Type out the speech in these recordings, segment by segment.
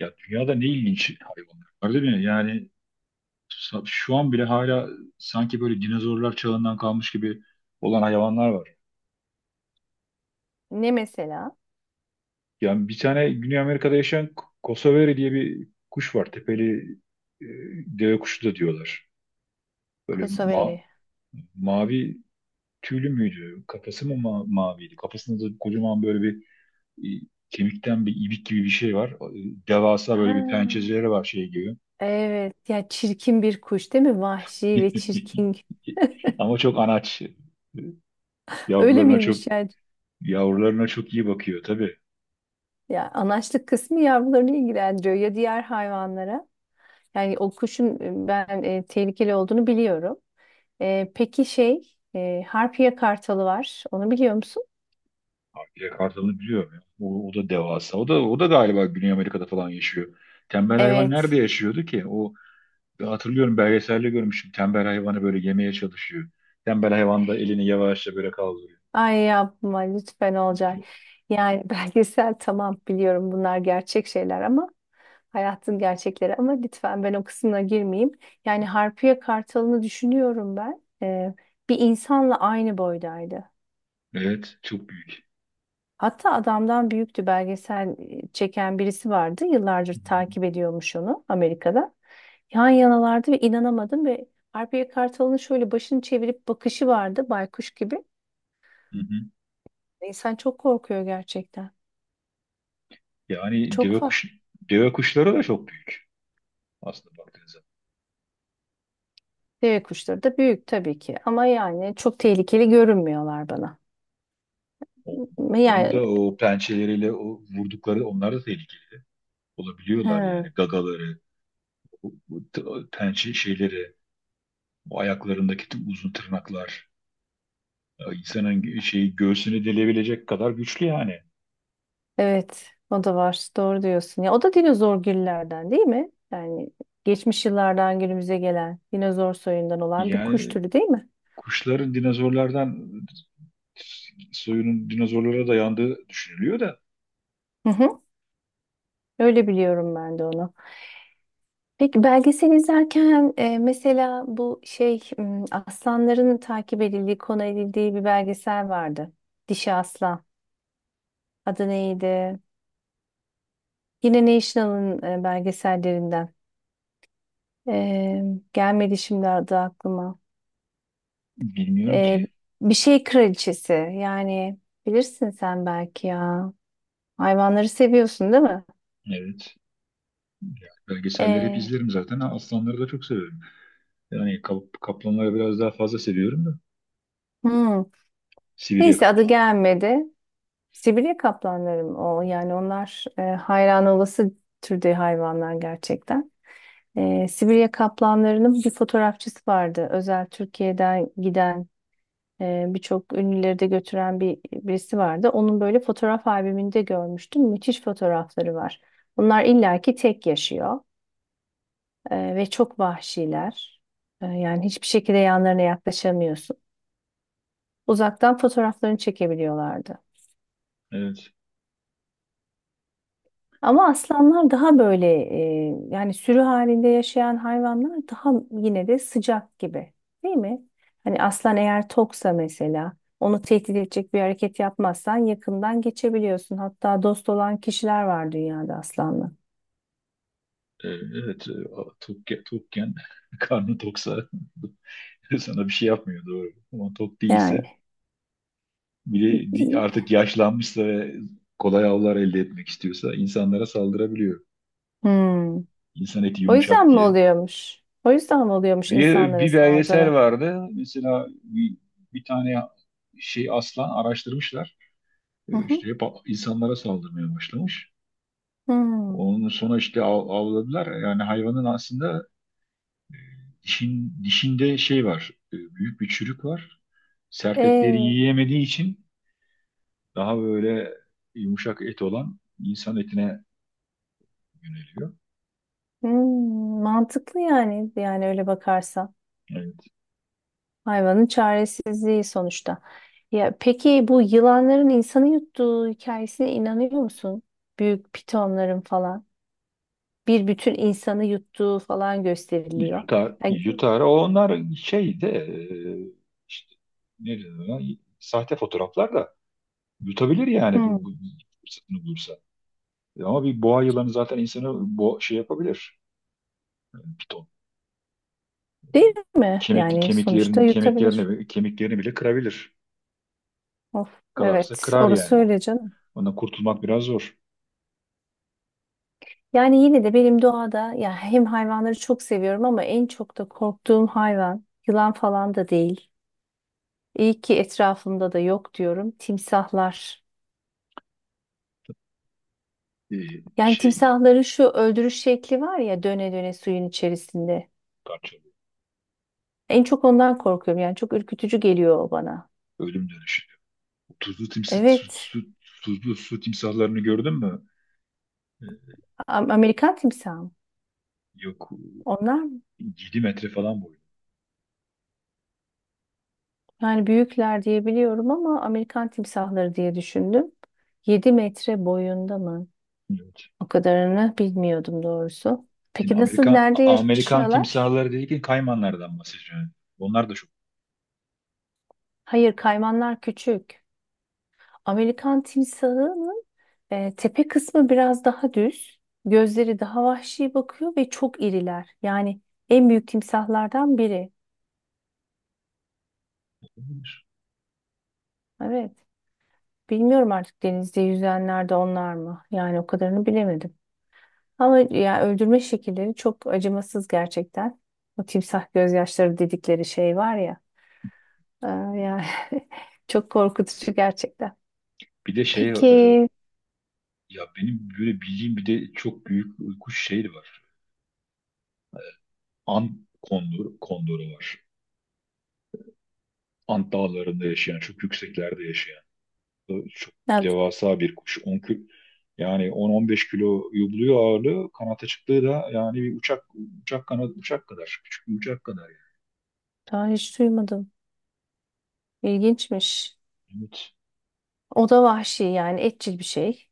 Ya dünyada ne ilginç hayvanlar var değil mi? Şu an bile hala sanki böyle dinozorlar çağından kalmış gibi olan hayvanlar var. Ne mesela? Yani bir tane Güney Amerika'da yaşayan Kosovari diye bir kuş var. Tepeli e, deve kuşu da diyorlar. Böyle ma Kosoveri. Mavi tüylü müydü? Kafası mı maviydi? Kafasında da kocaman böyle bir e, kemikten bir ibik gibi bir şey var. Devasa böyle bir Ha, pençeleri var şey gibi. evet ya çirkin bir kuş değil mi? Vahşi ve çirkin. Ama çok anaç. Öyle Yavrularına çok miymiş yani? yavrularına çok iyi bakıyor tabii. Ya anaçlık kısmı yavrularını ilgilendiriyor ya diğer hayvanlara. Yani o kuşun ben tehlikeli olduğunu biliyorum. Peki şey Harpya kartalı var. Onu biliyor musun? Avcıya kartalını biliyorum ya. O da devasa. O da galiba Güney Amerika'da falan yaşıyor. Tembel hayvan nerede Evet. yaşıyordu ki? O ben hatırlıyorum belgeselde görmüştüm. Tembel hayvanı böyle yemeye çalışıyor. Tembel hayvan da elini yavaşça böyle kaldırıyor. Ay yapma lütfen olacak. Yani belgesel tamam biliyorum bunlar gerçek şeyler ama hayatın gerçekleri ama lütfen ben o kısmına girmeyeyim. Yani Harpiye Kartal'ını düşünüyorum ben. Bir insanla aynı boydaydı. Evet, çok büyük. Hatta adamdan büyüktü belgesel çeken birisi vardı. Yıllardır takip ediyormuş onu Amerika'da. Yan yanalardı ve inanamadım ve Harpiye Kartal'ın şöyle başını çevirip bakışı vardı baykuş gibi. Hı hı. İnsan çok korkuyor gerçekten. Yani Çok deve farklı. kuş Deve kuşları da çok büyük aslında baktığınız zaman. Deve kuşları da büyük tabii ki ama yani çok tehlikeli görünmüyorlar bana. Onların Yani da o pençeleriyle o vurdukları onlar da tehlikeli olabiliyorlar he. yani gagaları, bu t- pençe şeyleri, bu ayaklarındaki uzun tırnaklar ya insanın gö- şeyi göğsünü delebilecek kadar güçlü yani. Evet, o da var. Doğru diyorsun. Ya o da dinozor gillerden değil mi? Yani geçmiş yıllardan günümüze gelen dinozor soyundan olan bir kuş Yani türü değil mi? kuşların dinozorlardan soyunun dinozorlara dayandığı düşünülüyor da Hı hı. Öyle biliyorum ben de onu. Peki belgesel izlerken mesela bu şey aslanların takip edildiği, konu edildiği bir belgesel vardı. Dişi Aslan. Adı neydi? Yine National'ın belgesellerinden. E, gelmedi şimdi adı aklıma. bilmiyorum ki. Ee, bir şey kraliçesi yani bilirsin sen belki ya. Hayvanları seviyorsun değil mi? Evet. Yani belgeselleri hep Ee, izlerim zaten. Aslanları da çok severim. Yani kaplanları biraz daha fazla seviyorum da. hmm. Sibirya Neyse adı kaplanları. gelmedi. Sibirya kaplanları o? Yani onlar hayran olası türde hayvanlar gerçekten. Sibirya kaplanlarının bir fotoğrafçısı vardı. Özel Türkiye'den giden birçok ünlüleri de götüren bir birisi vardı. Onun böyle fotoğraf albümünde görmüştüm. Müthiş fotoğrafları var. Bunlar illaki tek yaşıyor. Ve çok vahşiler. Yani hiçbir şekilde yanlarına yaklaşamıyorsun. Uzaktan fotoğraflarını çekebiliyorlardı. Evet. Ama aslanlar daha böyle yani sürü halinde yaşayan hayvanlar daha yine de sıcak gibi, değil mi? Hani aslan eğer toksa mesela onu tehdit edecek bir hareket yapmazsan yakından geçebiliyorsun. Hatta dost olan kişiler var dünyada aslanla. Evet. Tok, Tokken karnı toksa sana bir şey yapmıyor doğru. Ama tok değilse Yani artık yaşlanmışsa ve kolay avlar elde etmek istiyorsa insanlara saldırabiliyor. hmm. İnsan eti O yüzden yumuşak mi diye. oluyormuş? O yüzden mi oluyormuş insanlara Bir belgesel saldırı? vardı. Mesela bir tane şey aslan araştırmışlar. Hı İşte hı. hep insanlara saldırmaya başlamış. Hmm. Onun sonuçta avladılar. Yani hayvanın aslında dişinde şey var. Büyük bir çürük var. Sert etleri E, yiyemediği için daha böyle yumuşak et olan insan etine yöneliyor. hmm, mantıklı yani öyle bakarsan. Evet. Hayvanın çaresizliği sonuçta. Ya peki bu yılanların insanı yuttuğu hikayesine inanıyor musun? Büyük pitonların falan bir bütün insanı yuttuğu falan gösteriliyor. Yutar, Yani, yutar. Onlar şey de e, işte ne denir ona? Sahte fotoğraflar da yutabilir yani bu hmm, fırsatını bulursa. Ama bir boğa yılanı zaten insanı şey yapabilir. Yani piton değil mi? kemik Yani sonuçta yutabilir. Kemiklerini bile kırabilir. Of, Kalarsa evet, kırar yani. orası öyle canım. Ondan kurtulmak biraz zor. Yani yine de benim doğada ya hem hayvanları çok seviyorum ama en çok da korktuğum hayvan yılan falan da değil. İyi ki etrafımda da yok diyorum. Timsahlar. Ee, Yani şey timsahların şu öldürüş şekli var ya döne döne suyun içerisinde. Parçalı. En çok ondan korkuyorum. Yani çok ürkütücü geliyor o bana. Ölüm dönüşü. Tuzlu timsi, su, Evet. su, Tuzlu su timsahlarını gördün mü? Ee, Amerikan timsahı mı? Yok, Onlar mı? 7 metre falan boyu. Yani büyükler diye biliyorum ama Amerikan timsahları diye düşündüm. 7 metre boyunda mı? Yok. O kadarını bilmiyordum doğrusu. Şimdi Peki nasıl, nerede Amerikan yaşıyorlar? timsahları dedikken kaymanlardan bahsediyorum. Onlar da çok Hayır, kaymanlar küçük. Amerikan timsahının tepe kısmı biraz daha düz, gözleri daha vahşi bakıyor ve çok iriler. Yani en büyük timsahlardan biri. olabilir. Evet. Bilmiyorum artık denizde yüzenler de onlar mı? Yani o kadarını bilemedim. Ama ya öldürme şekilleri çok acımasız gerçekten. O timsah gözyaşları dedikleri şey var ya. e, yani çok korkutucu gerçekten. Bir de şey e, Peki, Ya benim böyle bildiğim bir de çok büyük kuş şeyi var. Kondoru var. Ant dağlarında yaşayan, çok yükseklerde yaşayan, çok ben devasa bir kuş. 10 kilo, yani 10-15 kiloyu buluyor ağırlığı. Kanat açıklığı da yani bir uçak kadar, küçük bir uçak kadar yani. daha hiç duymadım. İlginçmiş. Evet. O da vahşi yani etçil bir şey.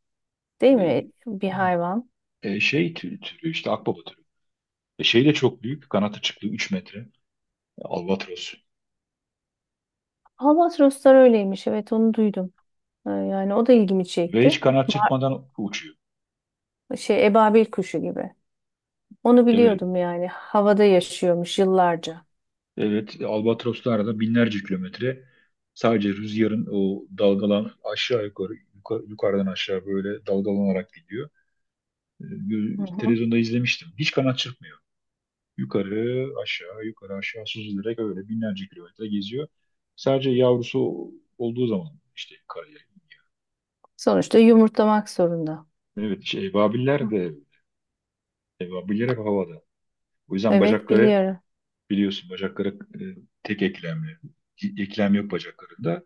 Değil mi? Bir hayvan. Türü işte akbaba türü. Şey de çok büyük. Kanat açıklığı 3 metre. Albatros. Albatroslar öyleymiş. Evet onu duydum. Yani o da ilgimi Ve hiç çekti. kanat çırpmadan uçuyor. Şey ebabil kuşu gibi. Onu Evet. biliyordum yani. Havada yaşıyormuş yıllarca. Evet, Albatroslarla binlerce kilometre sadece rüzgarın o dalgalan aşağı yukarıdan aşağı böyle dalgalanarak gidiyor. Hı hı. Televizyonda izlemiştim. Hiç kanat çırpmıyor. Yukarı aşağı süzülerek öyle binlerce kilometre geziyor. Sadece yavrusu olduğu zaman işte karaya. Sonuçta yumurtlamak zorunda. Evet, şey, Hı. Ebabiller hep havada. O yüzden Evet bacakları biliyorum. biliyorsun bacakları e, tek eklemli. Eklem yok bacaklarında.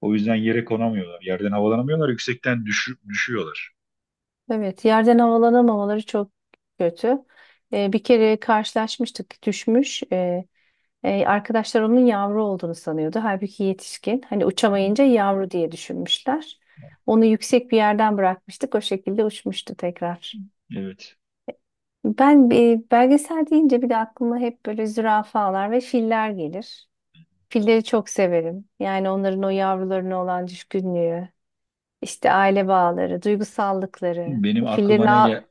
O yüzden yere konamıyorlar. Yerden havalanamıyorlar. Yüksekten düşüyorlar. Evet, yerden havalanamamaları çok kötü. Bir kere karşılaşmıştık, düşmüş. Arkadaşlar onun yavru olduğunu sanıyordu. Halbuki yetişkin. Hani uçamayınca yavru diye düşünmüşler. Onu yüksek bir yerden bırakmıştık. O şekilde uçmuştu tekrar. Evet. Ben belgesel deyince bir de aklıma hep böyle zürafalar ve filler gelir. Filleri çok severim. Yani onların o yavrularına olan düşkünlüğü, işte aile bağları, duygusallıkları. Benim aklıma ne gel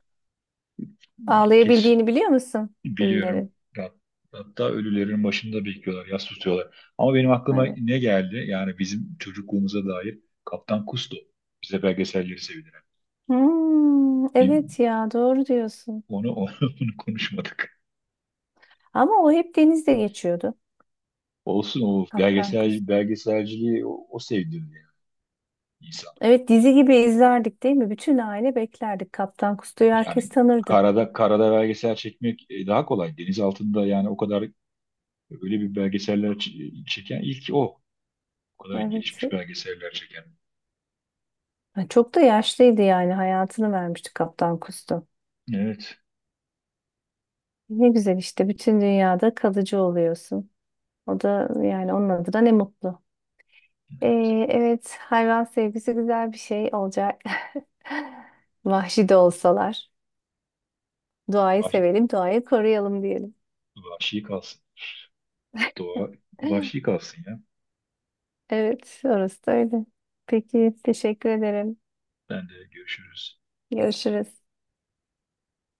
kes- Ağlayabildiğini biliyor musun? Biliyorum. Fillerin. Hatta ölülerin başında bekliyorlar. Yas tutuyorlar. Ama benim aklıma Evet. ne geldi? Yani bizim çocukluğumuza dair Kaptan Kusto. Bize belgeselleri sevdiren. Hmm, Bir, evet ya doğru diyorsun. Onu konuşmadık. Ama o hep denizde geçiyordu. Olsun o Kaptan Kustu. Belgeselciliği o sevdirdi yani insan. Evet dizi gibi izlerdik değil mi? Bütün aile beklerdik. Kaptan Kustu'yu herkes Yani tanırdı. Karada belgesel çekmek daha kolay. Deniz altında yani o kadar öyle bir belgeseller çeken ilk o. O kadar Evet. gelişmiş belgeseller çeken. Ha, çok da yaşlıydı yani hayatını vermişti Kaptan Kustu. Evet. Ne güzel işte bütün dünyada kalıcı oluyorsun. O da yani onun adına ne mutlu. Ee, evet hayvan sevgisi güzel bir şey olacak. Vahşi de olsalar. Doğayı Vahşi, sevelim, doğayı koruyalım diyelim. Vahşi kalsın. Doğa vahşi kalsın ya. Evet, orası da öyle. Peki, teşekkür ederim. Ben de görüşürüz. Görüşürüz.